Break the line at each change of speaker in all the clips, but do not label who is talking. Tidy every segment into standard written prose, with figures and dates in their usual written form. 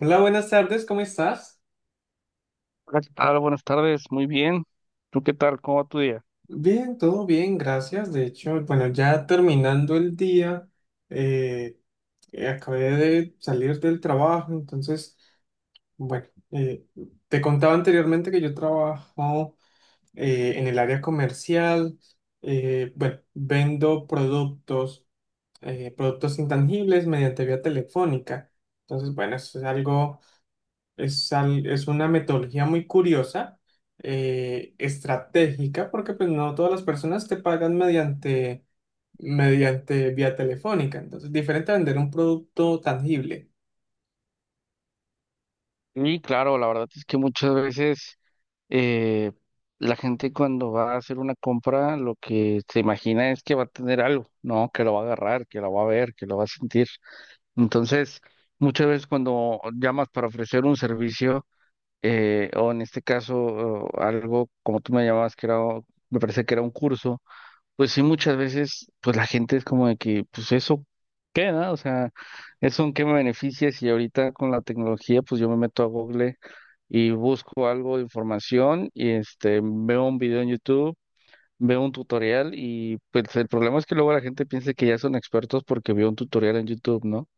Hola, buenas tardes, ¿cómo estás?
Hola, ¿qué tal? Buenas tardes, muy bien. ¿Tú qué tal? ¿Cómo va tu día?
Bien, todo bien, gracias. De hecho, bueno, ya terminando el día, eh, acabé de salir del trabajo. Entonces, bueno, te contaba anteriormente que yo trabajo en el área comercial. Bueno, vendo productos, productos intangibles mediante vía telefónica. Entonces, bueno, eso es algo. Es una metodología muy curiosa, estratégica, porque pues no todas las personas te pagan mediante vía telefónica. Entonces, diferente a vender un producto tangible.
Sí, claro, la verdad es que muchas veces eh, la gente cuando va a hacer una compra lo que se imagina es que va a tener algo, ¿no? Que lo va a agarrar, que lo va a ver, que lo va a sentir. Entonces, muchas veces cuando llamas para ofrecer un servicio, o en este caso o algo como tú me llamabas, que era, me parece que era un curso. Pues sí, muchas veces, pues la gente es como de que, pues eso, ¿qué, no? O sea, ¿eso en qué me beneficia si ahorita con la tecnología, pues yo me meto a Google y busco algo de información y este, veo un video en YouTube, veo un tutorial? Y pues el problema es que luego la gente piensa que ya son expertos porque vio un tutorial en YouTube, ¿no?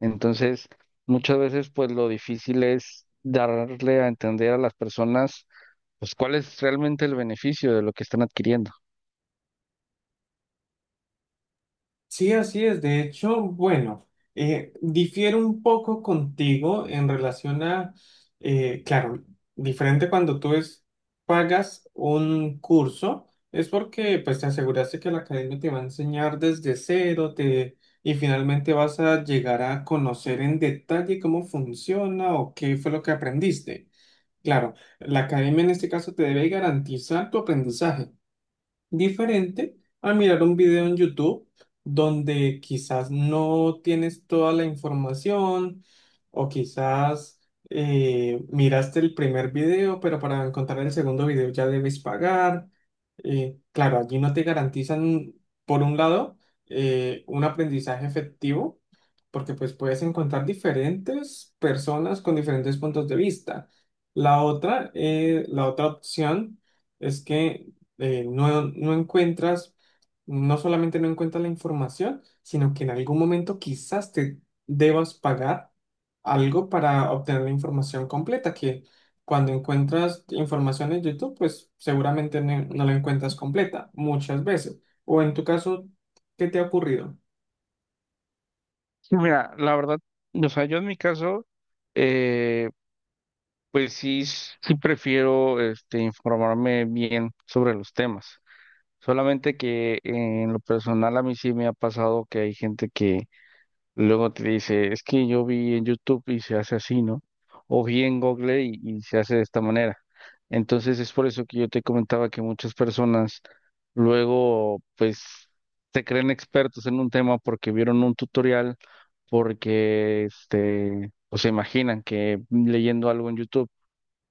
Entonces, muchas veces, pues lo difícil es darle a entender a las personas, pues cuál es realmente el beneficio de lo que están adquiriendo.
Sí, así es. De hecho, bueno, difiero un poco contigo en relación a, claro, diferente cuando pagas un curso, es porque pues te aseguraste que la academia te va a enseñar desde cero, te, y finalmente vas a llegar a conocer en detalle cómo funciona o qué fue lo que aprendiste. Claro, la academia en este caso te debe garantizar tu aprendizaje, diferente a mirar un video en YouTube, donde quizás no tienes toda la información, o quizás miraste el primer video, pero para encontrar el segundo video ya debes pagar. Claro, allí no te garantizan, por un lado, un aprendizaje efectivo, porque pues puedes encontrar diferentes personas con diferentes puntos de vista. La otra opción es que no, no solamente no encuentras la información, sino que en algún momento quizás te debas pagar algo para obtener la información completa, que cuando encuentras información en YouTube, pues seguramente no la encuentras completa muchas veces. O en tu caso, ¿qué te ha ocurrido?
Sí, mira, la verdad, o sea, yo en mi caso, eh, pues sí, sí prefiero este, informarme bien sobre los temas. Solamente que en lo personal a mí sí me ha pasado que hay gente que luego te dice, es que yo vi en YouTube y se hace así, ¿no? O vi en Google y se hace de esta manera. Entonces es por eso que yo te comentaba que muchas personas luego, pues, se creen expertos en un tema porque vieron un tutorial, porque, este, o se imaginan que leyendo algo en YouTube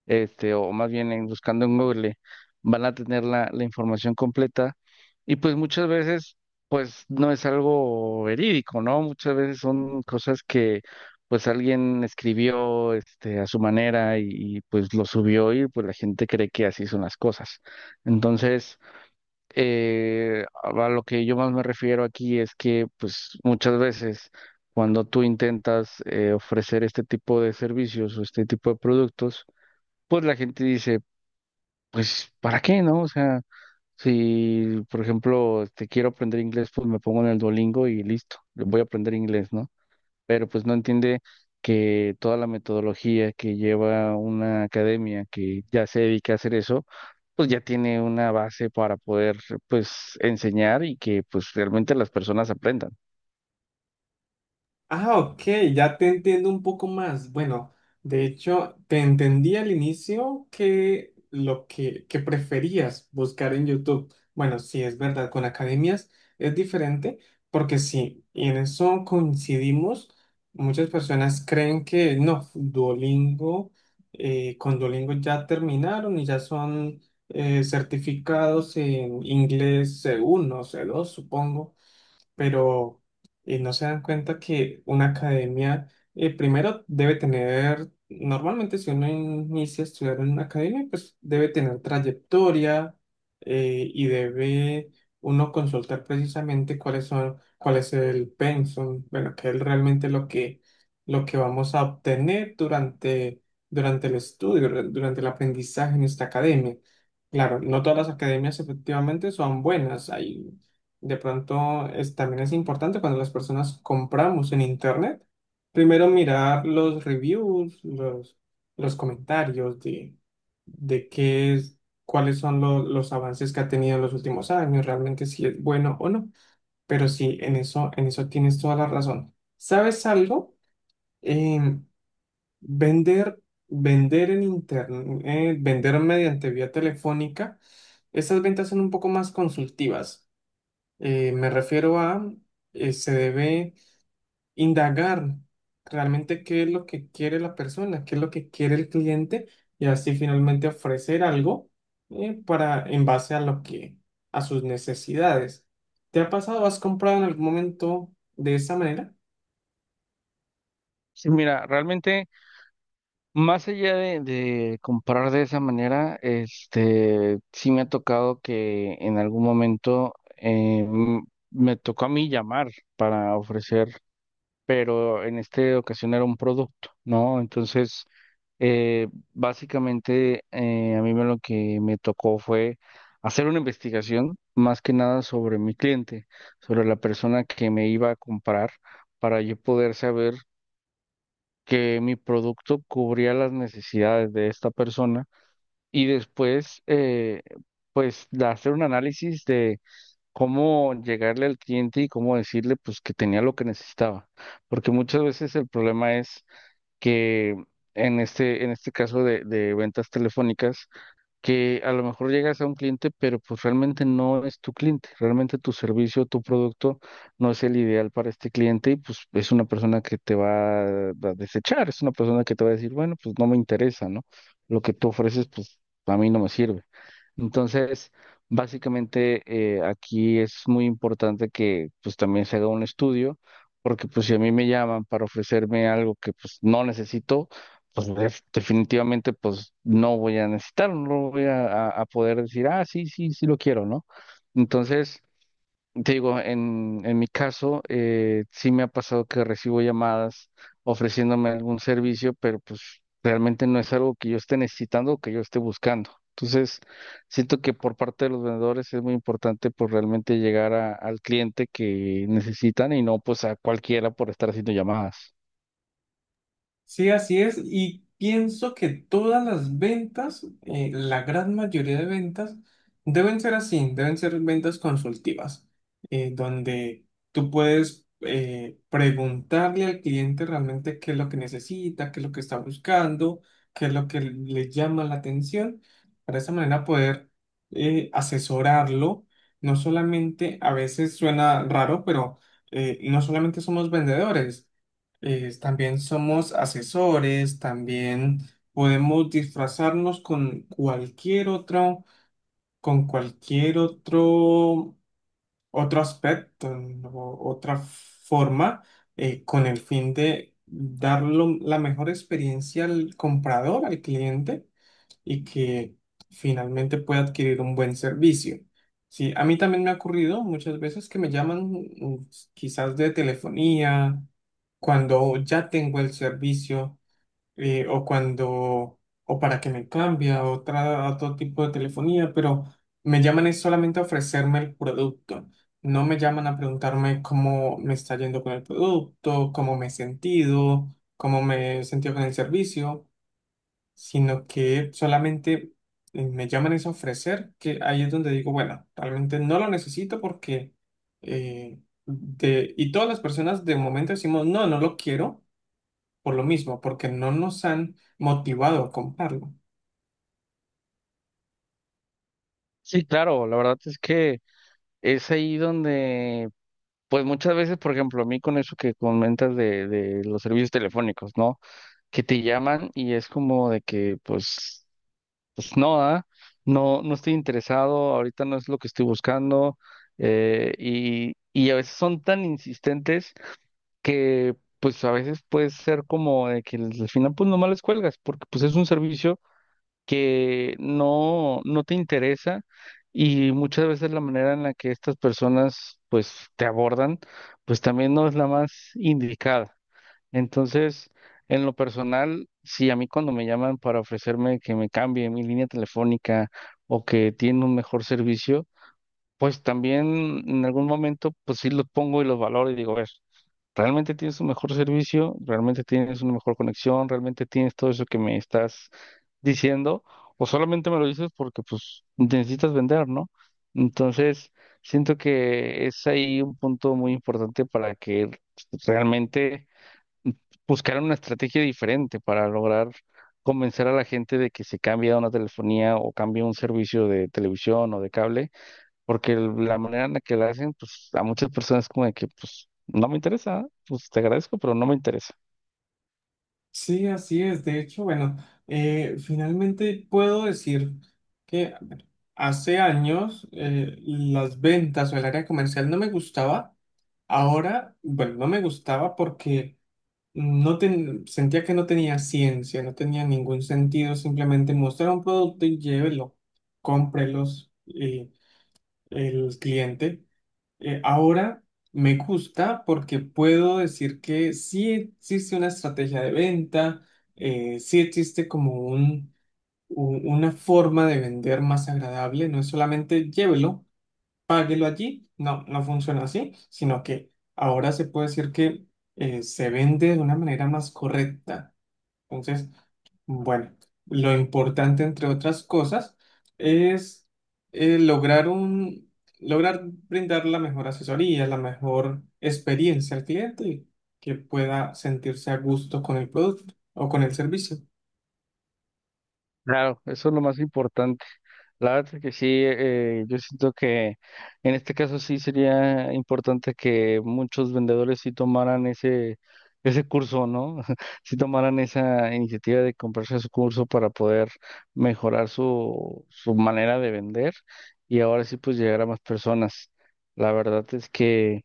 este, o más bien en buscando en Google, van a tener la información completa. Y pues muchas veces, pues no es algo verídico, ¿no? Muchas veces son cosas que pues alguien escribió este, a su manera y, pues lo subió y pues la gente cree que así son las cosas. Entonces, a lo que yo más me refiero aquí es que pues muchas veces cuando tú intentas ofrecer este tipo de servicios o este tipo de productos, pues la gente dice, pues, ¿para qué, no? O sea, si, por ejemplo, te quiero aprender inglés, pues me pongo en el Duolingo y listo, voy a aprender inglés, ¿no? Pero pues no entiende que toda la metodología que lleva una academia que ya se dedica a hacer eso, pues ya tiene una base para poder, pues, enseñar y que, pues, realmente las personas aprendan.
Ah, ok, ya te entiendo un poco más. Bueno, de hecho, te entendí al inicio que que preferías buscar en YouTube. Bueno, sí, es verdad, con academias es diferente, porque sí, y en eso coincidimos. Muchas personas creen que no. Duolingo, con Duolingo ya terminaron y ya son certificados en inglés C1, C2, supongo, pero no se dan cuenta que una academia primero debe tener, normalmente si uno inicia a estudiar en una academia, pues debe tener trayectoria. Y debe uno consultar precisamente cuál es el pensum, bueno, qué es realmente lo que vamos a obtener durante el estudio, durante el aprendizaje en esta academia. Claro, no todas las academias efectivamente son buenas. Hay de pronto es, también es importante, cuando las personas compramos en internet, primero mirar los reviews, los comentarios de, de qué es, cuáles son los avances que ha tenido en los últimos años, realmente si es bueno o no. Pero sí, en eso tienes toda la razón. ¿Sabes algo? Em, vender, vender en internet, vender mediante vía telefónica, estas ventas son un poco más consultivas. Eh, me refiero a, se debe indagar realmente qué es lo que quiere la persona, qué es lo que quiere el cliente, y así finalmente ofrecer algo, para en base a a sus necesidades. ¿Te ha pasado, has comprado en algún momento de esa manera?
Sí, mira, realmente... Más allá de comprar de esa manera, este, sí me ha tocado que en algún momento me tocó a mí llamar para ofrecer, pero en esta ocasión era un producto, ¿no? Entonces, eh, básicamente a mí me lo que me tocó fue hacer una investigación más que nada sobre mi cliente, sobre la persona que me iba a comprar, para yo poder saber que mi producto cubría las necesidades de esta persona y después, pues, de hacer un análisis de cómo llegarle al cliente y cómo decirle, pues, que tenía lo que necesitaba. Porque muchas veces el problema es que en este caso de ventas telefónicas, que a lo mejor llegas a un cliente, pero pues realmente no es tu cliente, realmente tu servicio, tu producto no es el ideal para este cliente y pues es una persona que te va a desechar, es una persona que te va a decir, bueno, pues no me interesa, ¿no? Lo que tú ofreces, pues a mí no me sirve. Entonces, básicamente aquí es muy importante que pues también se haga un estudio, porque pues si a mí me llaman para ofrecerme algo que pues no necesito, pues definitivamente pues no voy a necesitar, no voy a poder decir, ah, sí, sí, sí lo quiero, ¿no? Entonces, te digo, en mi caso, sí me ha pasado que recibo llamadas ofreciéndome algún servicio, pero pues realmente no es algo que yo esté necesitando o que yo esté buscando. Entonces, siento que por parte de los vendedores es muy importante pues realmente llegar al cliente que necesitan y no pues a cualquiera por estar haciendo llamadas.
Sí, así es. Y pienso que todas las ventas, la gran mayoría de ventas, deben ser así, deben ser ventas consultivas, donde tú puedes preguntarle al cliente realmente qué es lo que necesita, qué es lo que está buscando, qué es lo que le llama la atención, para de esa manera poder asesorarlo. No solamente, a veces suena raro, pero no solamente somos vendedores, también somos asesores, también podemos disfrazarnos con cualquier otro, otro aspecto, ¿no? O otra forma, con el fin de dar la mejor experiencia al comprador, al cliente, y que finalmente pueda adquirir un buen servicio. Sí, a mí también me ha ocurrido muchas veces que me llaman, mm, quizás de telefonía, cuando ya tengo el servicio, eh, o cuando, o para que me cambie a otra, a otro tipo de telefonía, pero me llaman es solamente a ofrecerme el producto. No me llaman a preguntarme cómo me está yendo con el producto, cómo me he sentido con el servicio, sino que solamente me llaman es a ofrecer, que ahí es donde digo, bueno, realmente no lo necesito porque, eh, y todas las personas de momento decimos, no, no lo quiero, por lo mismo, porque no nos han motivado a comprarlo.
Sí, claro, la verdad es que es ahí donde, pues muchas veces, por ejemplo, a mí con eso que comentas de los servicios telefónicos, ¿no? Que te llaman y es como de que, pues, pues no, ah, no, no estoy interesado, ahorita no es lo que estoy buscando. Y a veces son tan insistentes que, pues, a veces puede ser como de que al final, pues, nomás les cuelgas, porque, pues, es un servicio que no, no te interesa y muchas veces la manera en la que estas personas, pues, te abordan, pues, también no es la más indicada. Entonces, en lo personal, sí, a mí cuando me llaman para ofrecerme que me cambie mi línea telefónica o que tiene un mejor servicio, pues también en algún momento, pues sí los pongo y los valoro y digo, a ver, realmente tienes un mejor servicio, realmente tienes una mejor conexión, realmente tienes todo eso que me estás diciendo, o solamente me lo dices porque pues necesitas vender, ¿no? Entonces, siento que es ahí un punto muy importante para que realmente buscaran una estrategia diferente para lograr convencer a la gente de que se cambie a una telefonía o cambie a un servicio de televisión o de cable, porque la manera en la que la hacen, pues a muchas personas como de que, pues no me interesa, pues te agradezco, pero no me interesa.
Sí, así es. De hecho, bueno, finalmente puedo decir que a ver, hace años las ventas o el área comercial no me gustaba. Ahora, bueno, no me gustaba porque sentía que no tenía ciencia, no tenía ningún sentido simplemente mostrar un producto y llévelo, cómprelos y el cliente. Ahora me gusta porque puedo decir que sí existe una estrategia de venta, sí existe como una forma de vender más agradable, no es solamente llévelo, páguelo allí. No, no funciona así, sino que ahora se puede decir que se vende de una manera más correcta. Entonces, bueno, lo importante, entre otras cosas, es eh, lograr un, lograr brindar la mejor asesoría, la mejor experiencia al cliente, y que pueda sentirse a gusto con el producto o con el servicio.
Claro, eso es lo más importante. La verdad es que sí, yo siento que en este caso sí sería importante que muchos vendedores sí tomaran ese, ese curso, ¿no? Sí tomaran esa iniciativa de comprarse su curso para poder mejorar su, su manera de vender y ahora sí pues llegar a más personas. La verdad es que,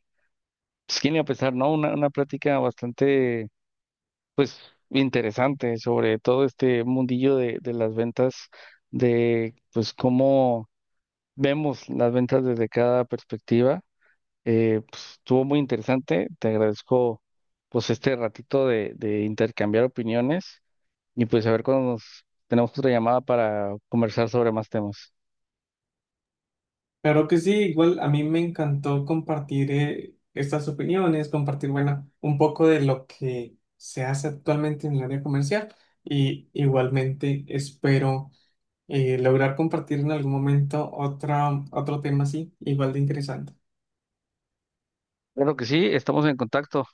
pues, quién iba a pensar, ¿no? Una plática bastante interesante sobre todo este mundillo de las ventas, de pues cómo vemos las ventas desde cada perspectiva. Pues, estuvo muy interesante. Te agradezco pues este ratito de intercambiar opiniones y pues a ver cuando nos tenemos otra llamada para conversar sobre más temas.
Claro que sí, igual a mí me encantó compartir estas opiniones, compartir, bueno, un poco de lo que se hace actualmente en el área comercial, y igualmente espero lograr compartir en algún momento otro tema así, igual de interesante.
Claro que sí, estamos en contacto.